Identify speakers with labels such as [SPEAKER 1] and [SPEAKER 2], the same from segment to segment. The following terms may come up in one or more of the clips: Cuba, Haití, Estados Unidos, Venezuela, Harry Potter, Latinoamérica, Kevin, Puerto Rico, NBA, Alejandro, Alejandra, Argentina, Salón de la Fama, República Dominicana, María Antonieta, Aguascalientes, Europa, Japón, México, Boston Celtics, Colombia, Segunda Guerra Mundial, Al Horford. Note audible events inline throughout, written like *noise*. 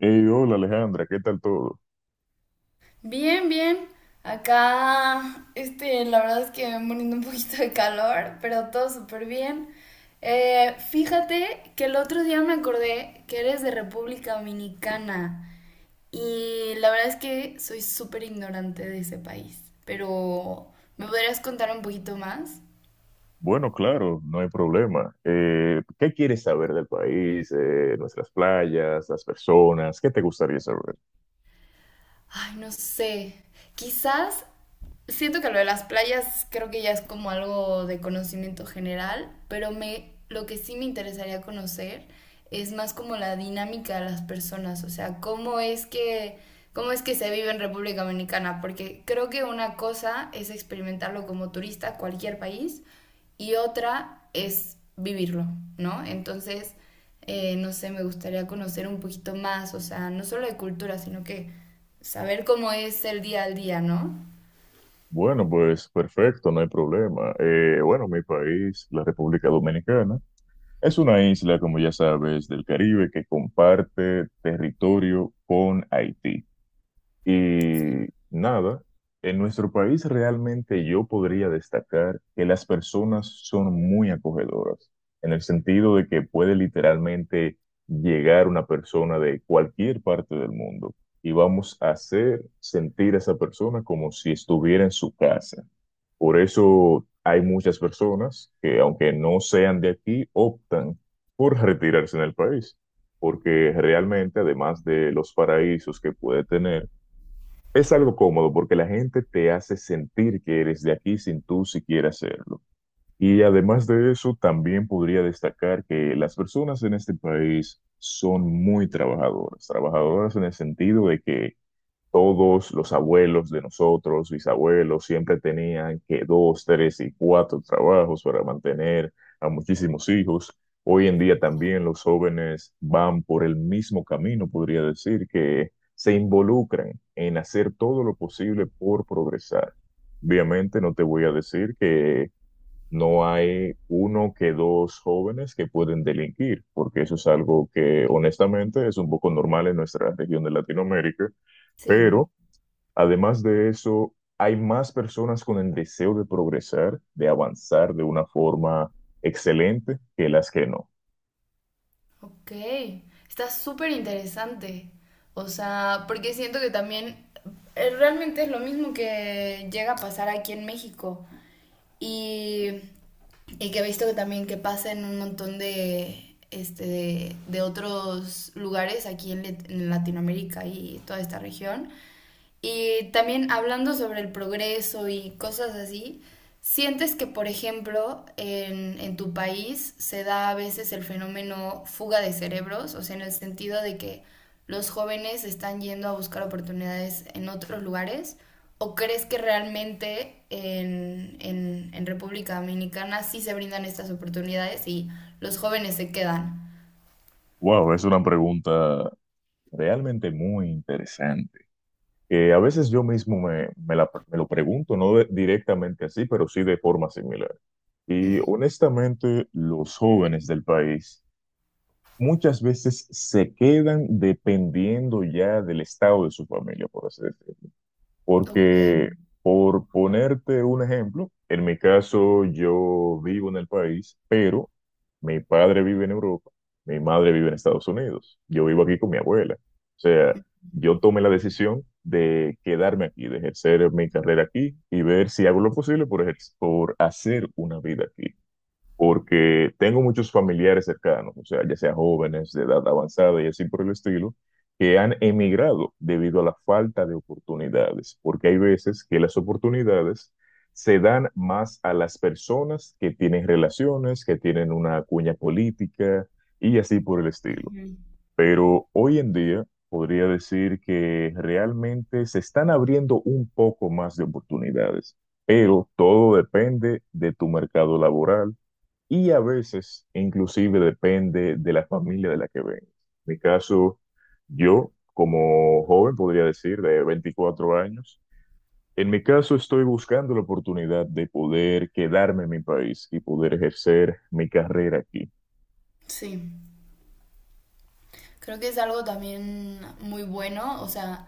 [SPEAKER 1] Hey, hola Alejandra, ¿qué tal todo?
[SPEAKER 2] Bien, bien. Acá, la verdad es que poniendo un poquito de calor, pero todo súper bien. Fíjate que el otro día me acordé que eres de República Dominicana y la verdad es que soy súper ignorante de ese país, pero ¿me podrías contar un poquito más?
[SPEAKER 1] Bueno, claro, no hay problema. ¿Qué quieres saber del país, nuestras playas, las personas? ¿Qué te gustaría saber?
[SPEAKER 2] Ay, no sé. Quizás siento que lo de las playas creo que ya es como algo de conocimiento general, pero me lo que sí me interesaría conocer es más como la dinámica de las personas, o sea, cómo es que se vive en República Dominicana, porque creo que una cosa es experimentarlo como turista a cualquier país y otra es vivirlo, ¿no? Entonces, no sé, me gustaría conocer un poquito más, o sea, no solo de cultura, sino que saber cómo es el día al día, ¿no?
[SPEAKER 1] Bueno, pues perfecto, no hay problema. Bueno, mi país, la República Dominicana, es una isla, como ya sabes, del Caribe que comparte territorio con Haití. Y
[SPEAKER 2] Sí.
[SPEAKER 1] nada, en nuestro país realmente yo podría destacar que las personas son muy acogedoras, en el sentido de que puede literalmente llegar una persona de cualquier parte del mundo y vamos a hacer sentir a esa persona como si estuviera en su casa. Por eso hay muchas personas que, aunque no sean de aquí, optan por retirarse en el país, porque realmente, además de los paraísos que puede tener, es algo cómodo porque la gente te hace sentir que eres de aquí sin tú siquiera hacerlo. Y además de eso, también podría destacar que las personas en este país son muy trabajadoras, trabajadoras en el sentido de que todos los abuelos de nosotros, bisabuelos, siempre tenían que dos, tres y cuatro trabajos para mantener a muchísimos hijos. Hoy en día también los jóvenes van por el mismo camino, podría decir, que se involucran en hacer todo lo posible por progresar. Obviamente no te voy a decir que no hay uno que dos jóvenes que pueden delinquir, porque eso es algo que honestamente es un poco normal en nuestra región de Latinoamérica,
[SPEAKER 2] Sí,
[SPEAKER 1] pero además de eso, hay más personas con el deseo de progresar, de avanzar de una forma excelente que las que no.
[SPEAKER 2] ok. Está súper interesante. O sea, porque siento que también realmente es lo mismo que llega a pasar aquí en México. Y Y que he visto que también que pasa en un montón de, de otros lugares aquí en Latinoamérica y toda esta región, y también hablando sobre el progreso y cosas así, ¿sientes que, por ejemplo, en tu país se da a veces el fenómeno fuga de cerebros? O sea, en el sentido de que los jóvenes están yendo a buscar oportunidades en otros lugares. ¿O crees que realmente en República Dominicana sí se brindan estas oportunidades y los jóvenes se quedan?
[SPEAKER 1] Wow, es una pregunta realmente muy interesante. Que a veces yo mismo me lo pregunto, no directamente así, pero sí de forma similar. Y
[SPEAKER 2] Ujú.
[SPEAKER 1] honestamente, los jóvenes del país muchas veces se quedan dependiendo ya del estado de su familia, por así decirlo.
[SPEAKER 2] Ok.
[SPEAKER 1] Porque, por ponerte un ejemplo, en mi caso yo vivo en el país, pero mi padre vive en Europa, mi madre vive en Estados Unidos, yo vivo aquí con mi abuela. O sea, yo tomé la decisión de quedarme aquí, de ejercer mi carrera aquí y ver si hago lo posible por hacer una vida aquí porque tengo muchos familiares cercanos, o sea, ya sea jóvenes de edad avanzada y así por el estilo, que han emigrado debido a la falta de oportunidades, porque hay veces que las oportunidades se dan más a las personas que tienen relaciones, que tienen una cuña política y así por el estilo.
[SPEAKER 2] Ujú.
[SPEAKER 1] Pero hoy en día podría decir que realmente se están abriendo un poco más de oportunidades, pero todo depende de tu mercado laboral y a veces, inclusive, depende de la familia de la que vengas. En mi caso, yo, como joven, podría decir, de 24 años, en mi caso estoy buscando la oportunidad de poder quedarme en mi país y poder ejercer mi carrera aquí.
[SPEAKER 2] Sí. Creo que es algo también muy bueno, o sea,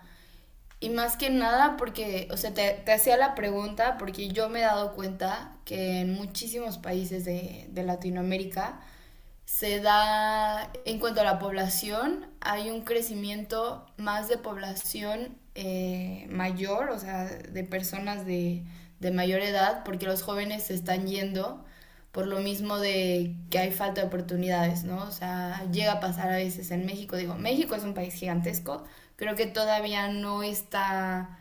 [SPEAKER 2] y más que nada porque, o sea, te hacía la pregunta porque yo me he dado cuenta que en muchísimos países de Latinoamérica se da, en cuanto a la población, hay un crecimiento más de población mayor, o sea, de personas de mayor edad, porque los jóvenes se están yendo por lo mismo de que hay falta de oportunidades, ¿no? O sea, llega a pasar a veces en México, digo, México es un país gigantesco, creo que todavía no está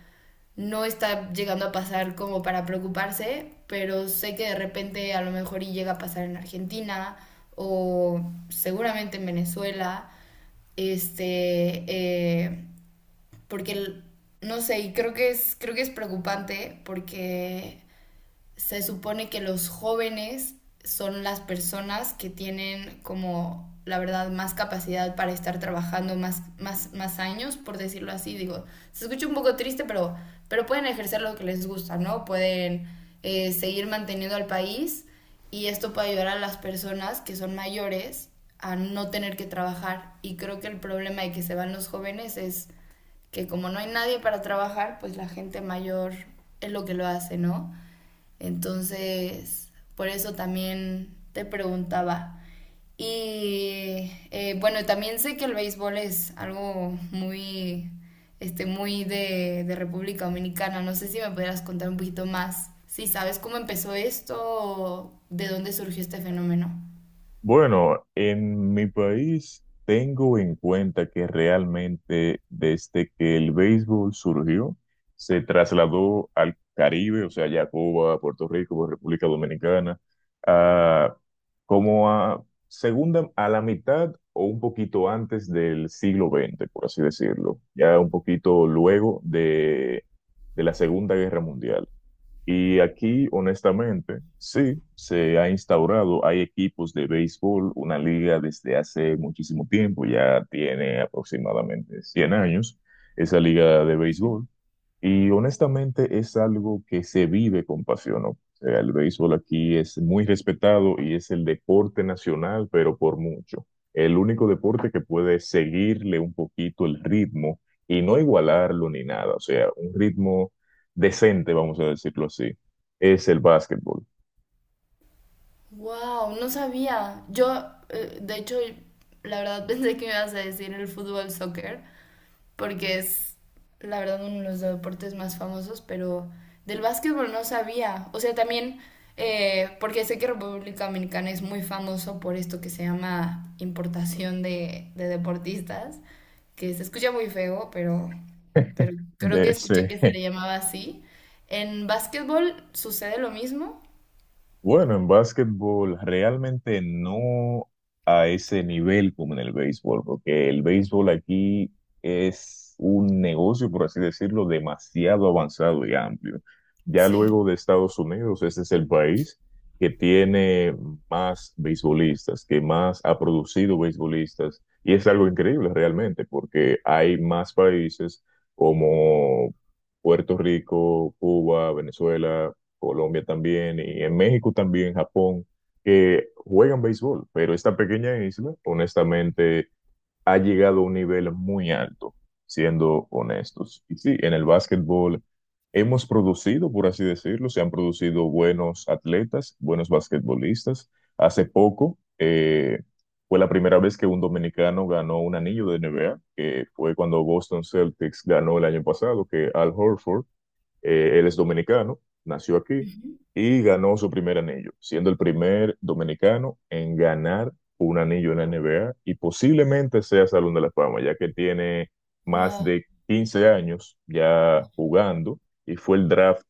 [SPEAKER 2] no está llegando a pasar como para preocuparse, pero sé que de repente a lo mejor y llega a pasar en Argentina o seguramente en Venezuela, este, eh, porque no sé, y creo que es preocupante porque se supone que los jóvenes son las personas que tienen como la verdad más capacidad para estar trabajando más años, por decirlo así. Digo, se escucha un poco triste, pero pueden ejercer lo que les gusta, ¿no? Pueden seguir manteniendo al país y esto puede ayudar a las personas que son mayores a no tener que trabajar. Y creo que el problema de que se van los jóvenes es que como no hay nadie para trabajar, pues la gente mayor es lo que lo hace, ¿no? Entonces, por eso también te preguntaba. Y bueno, también sé que el béisbol es algo muy de República Dominicana. No sé si me pudieras contar un poquito más, si sabes cómo empezó esto o de dónde surgió este fenómeno.
[SPEAKER 1] Bueno, en mi país tengo en cuenta que realmente desde que el béisbol surgió, se trasladó al Caribe, o sea, ya a Cuba, Puerto Rico, República Dominicana, a- como a segunda, a la mitad o un poquito antes del siglo XX, por así decirlo, ya un poquito luego de la Segunda Guerra Mundial. Y aquí, honestamente, sí, se ha instaurado, hay equipos de béisbol, una liga desde hace muchísimo tiempo, ya tiene aproximadamente 100 años, esa liga de béisbol. Y honestamente es algo que se vive con pasión, ¿no? O sea, el béisbol aquí es muy respetado y es el deporte nacional, pero por mucho. El único deporte que puede seguirle un poquito el ritmo y no igualarlo ni nada. O sea, un ritmo decente, vamos a decirlo así, es el básquetbol.
[SPEAKER 2] Wow, no sabía. Yo, de hecho, la verdad *laughs* pensé que me ibas a decir el fútbol soccer, porque es la verdad uno de los deportes más famosos, pero del básquetbol no sabía. O sea, también, porque sé que República Dominicana es muy famoso por esto que se llama importación de deportistas, que se escucha muy feo, pero creo
[SPEAKER 1] De
[SPEAKER 2] que escuché
[SPEAKER 1] ese-
[SPEAKER 2] que se
[SPEAKER 1] *laughs*
[SPEAKER 2] le llamaba así. En básquetbol sucede lo mismo.
[SPEAKER 1] Bueno, en básquetbol realmente no a ese nivel como en el béisbol, porque el béisbol aquí es un negocio, por así decirlo, demasiado avanzado y amplio. Ya
[SPEAKER 2] Sí.
[SPEAKER 1] luego de Estados Unidos, ese es el país que tiene más beisbolistas, que más ha producido beisbolistas, y es algo increíble realmente, porque hay más países como Puerto Rico, Cuba, Venezuela. Colombia también, y en México también, Japón, que juegan béisbol, pero esta pequeña isla, honestamente, ha llegado a un nivel muy alto, siendo honestos. Y sí, en el básquetbol hemos producido, por así decirlo, se han producido buenos atletas, buenos basquetbolistas. Hace poco fue la primera vez que un dominicano ganó un anillo de NBA, que fue cuando Boston Celtics ganó el año pasado, que Al Horford él es dominicano, nació aquí
[SPEAKER 2] Ujú.
[SPEAKER 1] y ganó su primer anillo, siendo el primer dominicano en ganar un anillo en la NBA y posiblemente sea Salón de la Fama, ya que tiene más
[SPEAKER 2] Wow,
[SPEAKER 1] de 15 años ya jugando y fue el draft,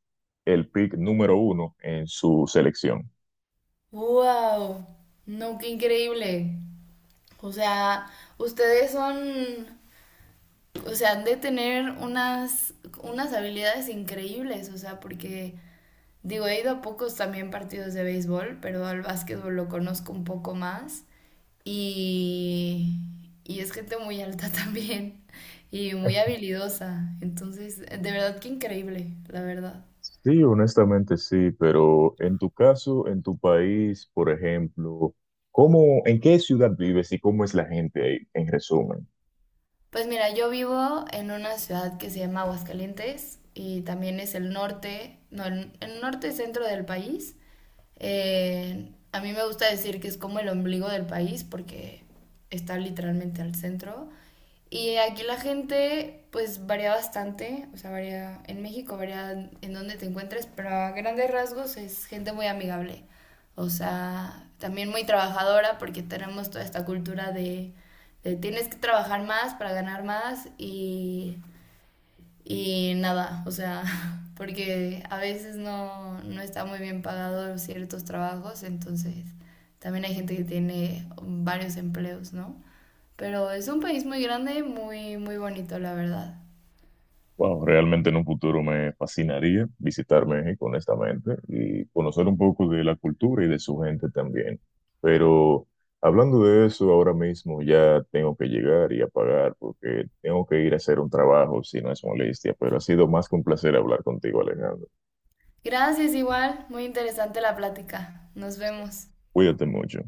[SPEAKER 1] el pick número uno en su selección.
[SPEAKER 2] wow, no, qué increíble. O sea, ustedes son o sea, han de tener unas, unas habilidades increíbles, o sea, porque digo, he ido a pocos también partidos de béisbol, pero al básquetbol lo conozco un poco más y, y es gente muy alta *laughs* también y muy habilidosa, entonces, de verdad que increíble, la verdad.
[SPEAKER 1] Sí, honestamente sí, pero en tu caso, en tu país, por ejemplo, ¿cómo, en qué ciudad vives y cómo es la gente ahí, en resumen?
[SPEAKER 2] Pues mira, yo vivo en una ciudad que se llama Aguascalientes y también es el norte, no, el norte y centro del país. A mí me gusta decir que es como el ombligo del país porque está literalmente al centro. Y aquí la gente pues varía bastante, o sea, varía en México, varía en donde te encuentres, pero a grandes rasgos es gente muy amigable. O sea, también muy trabajadora porque tenemos toda esta cultura de tienes que trabajar más para ganar más y nada, o sea, *laughs* porque a veces no está muy bien pagado ciertos trabajos, entonces también hay gente que tiene varios empleos, ¿no? Pero es un país muy grande, muy, muy bonito, la verdad.
[SPEAKER 1] Wow, realmente en un futuro me fascinaría visitar México, honestamente, y conocer un poco de la cultura y de su gente también. Pero hablando de eso, ahora mismo ya tengo que llegar y apagar porque tengo que ir a hacer un trabajo, si no es molestia, pero ha sido más que un placer hablar contigo, Alejandro.
[SPEAKER 2] Gracias igual, muy interesante la plática. Nos vemos.
[SPEAKER 1] Cuídate mucho.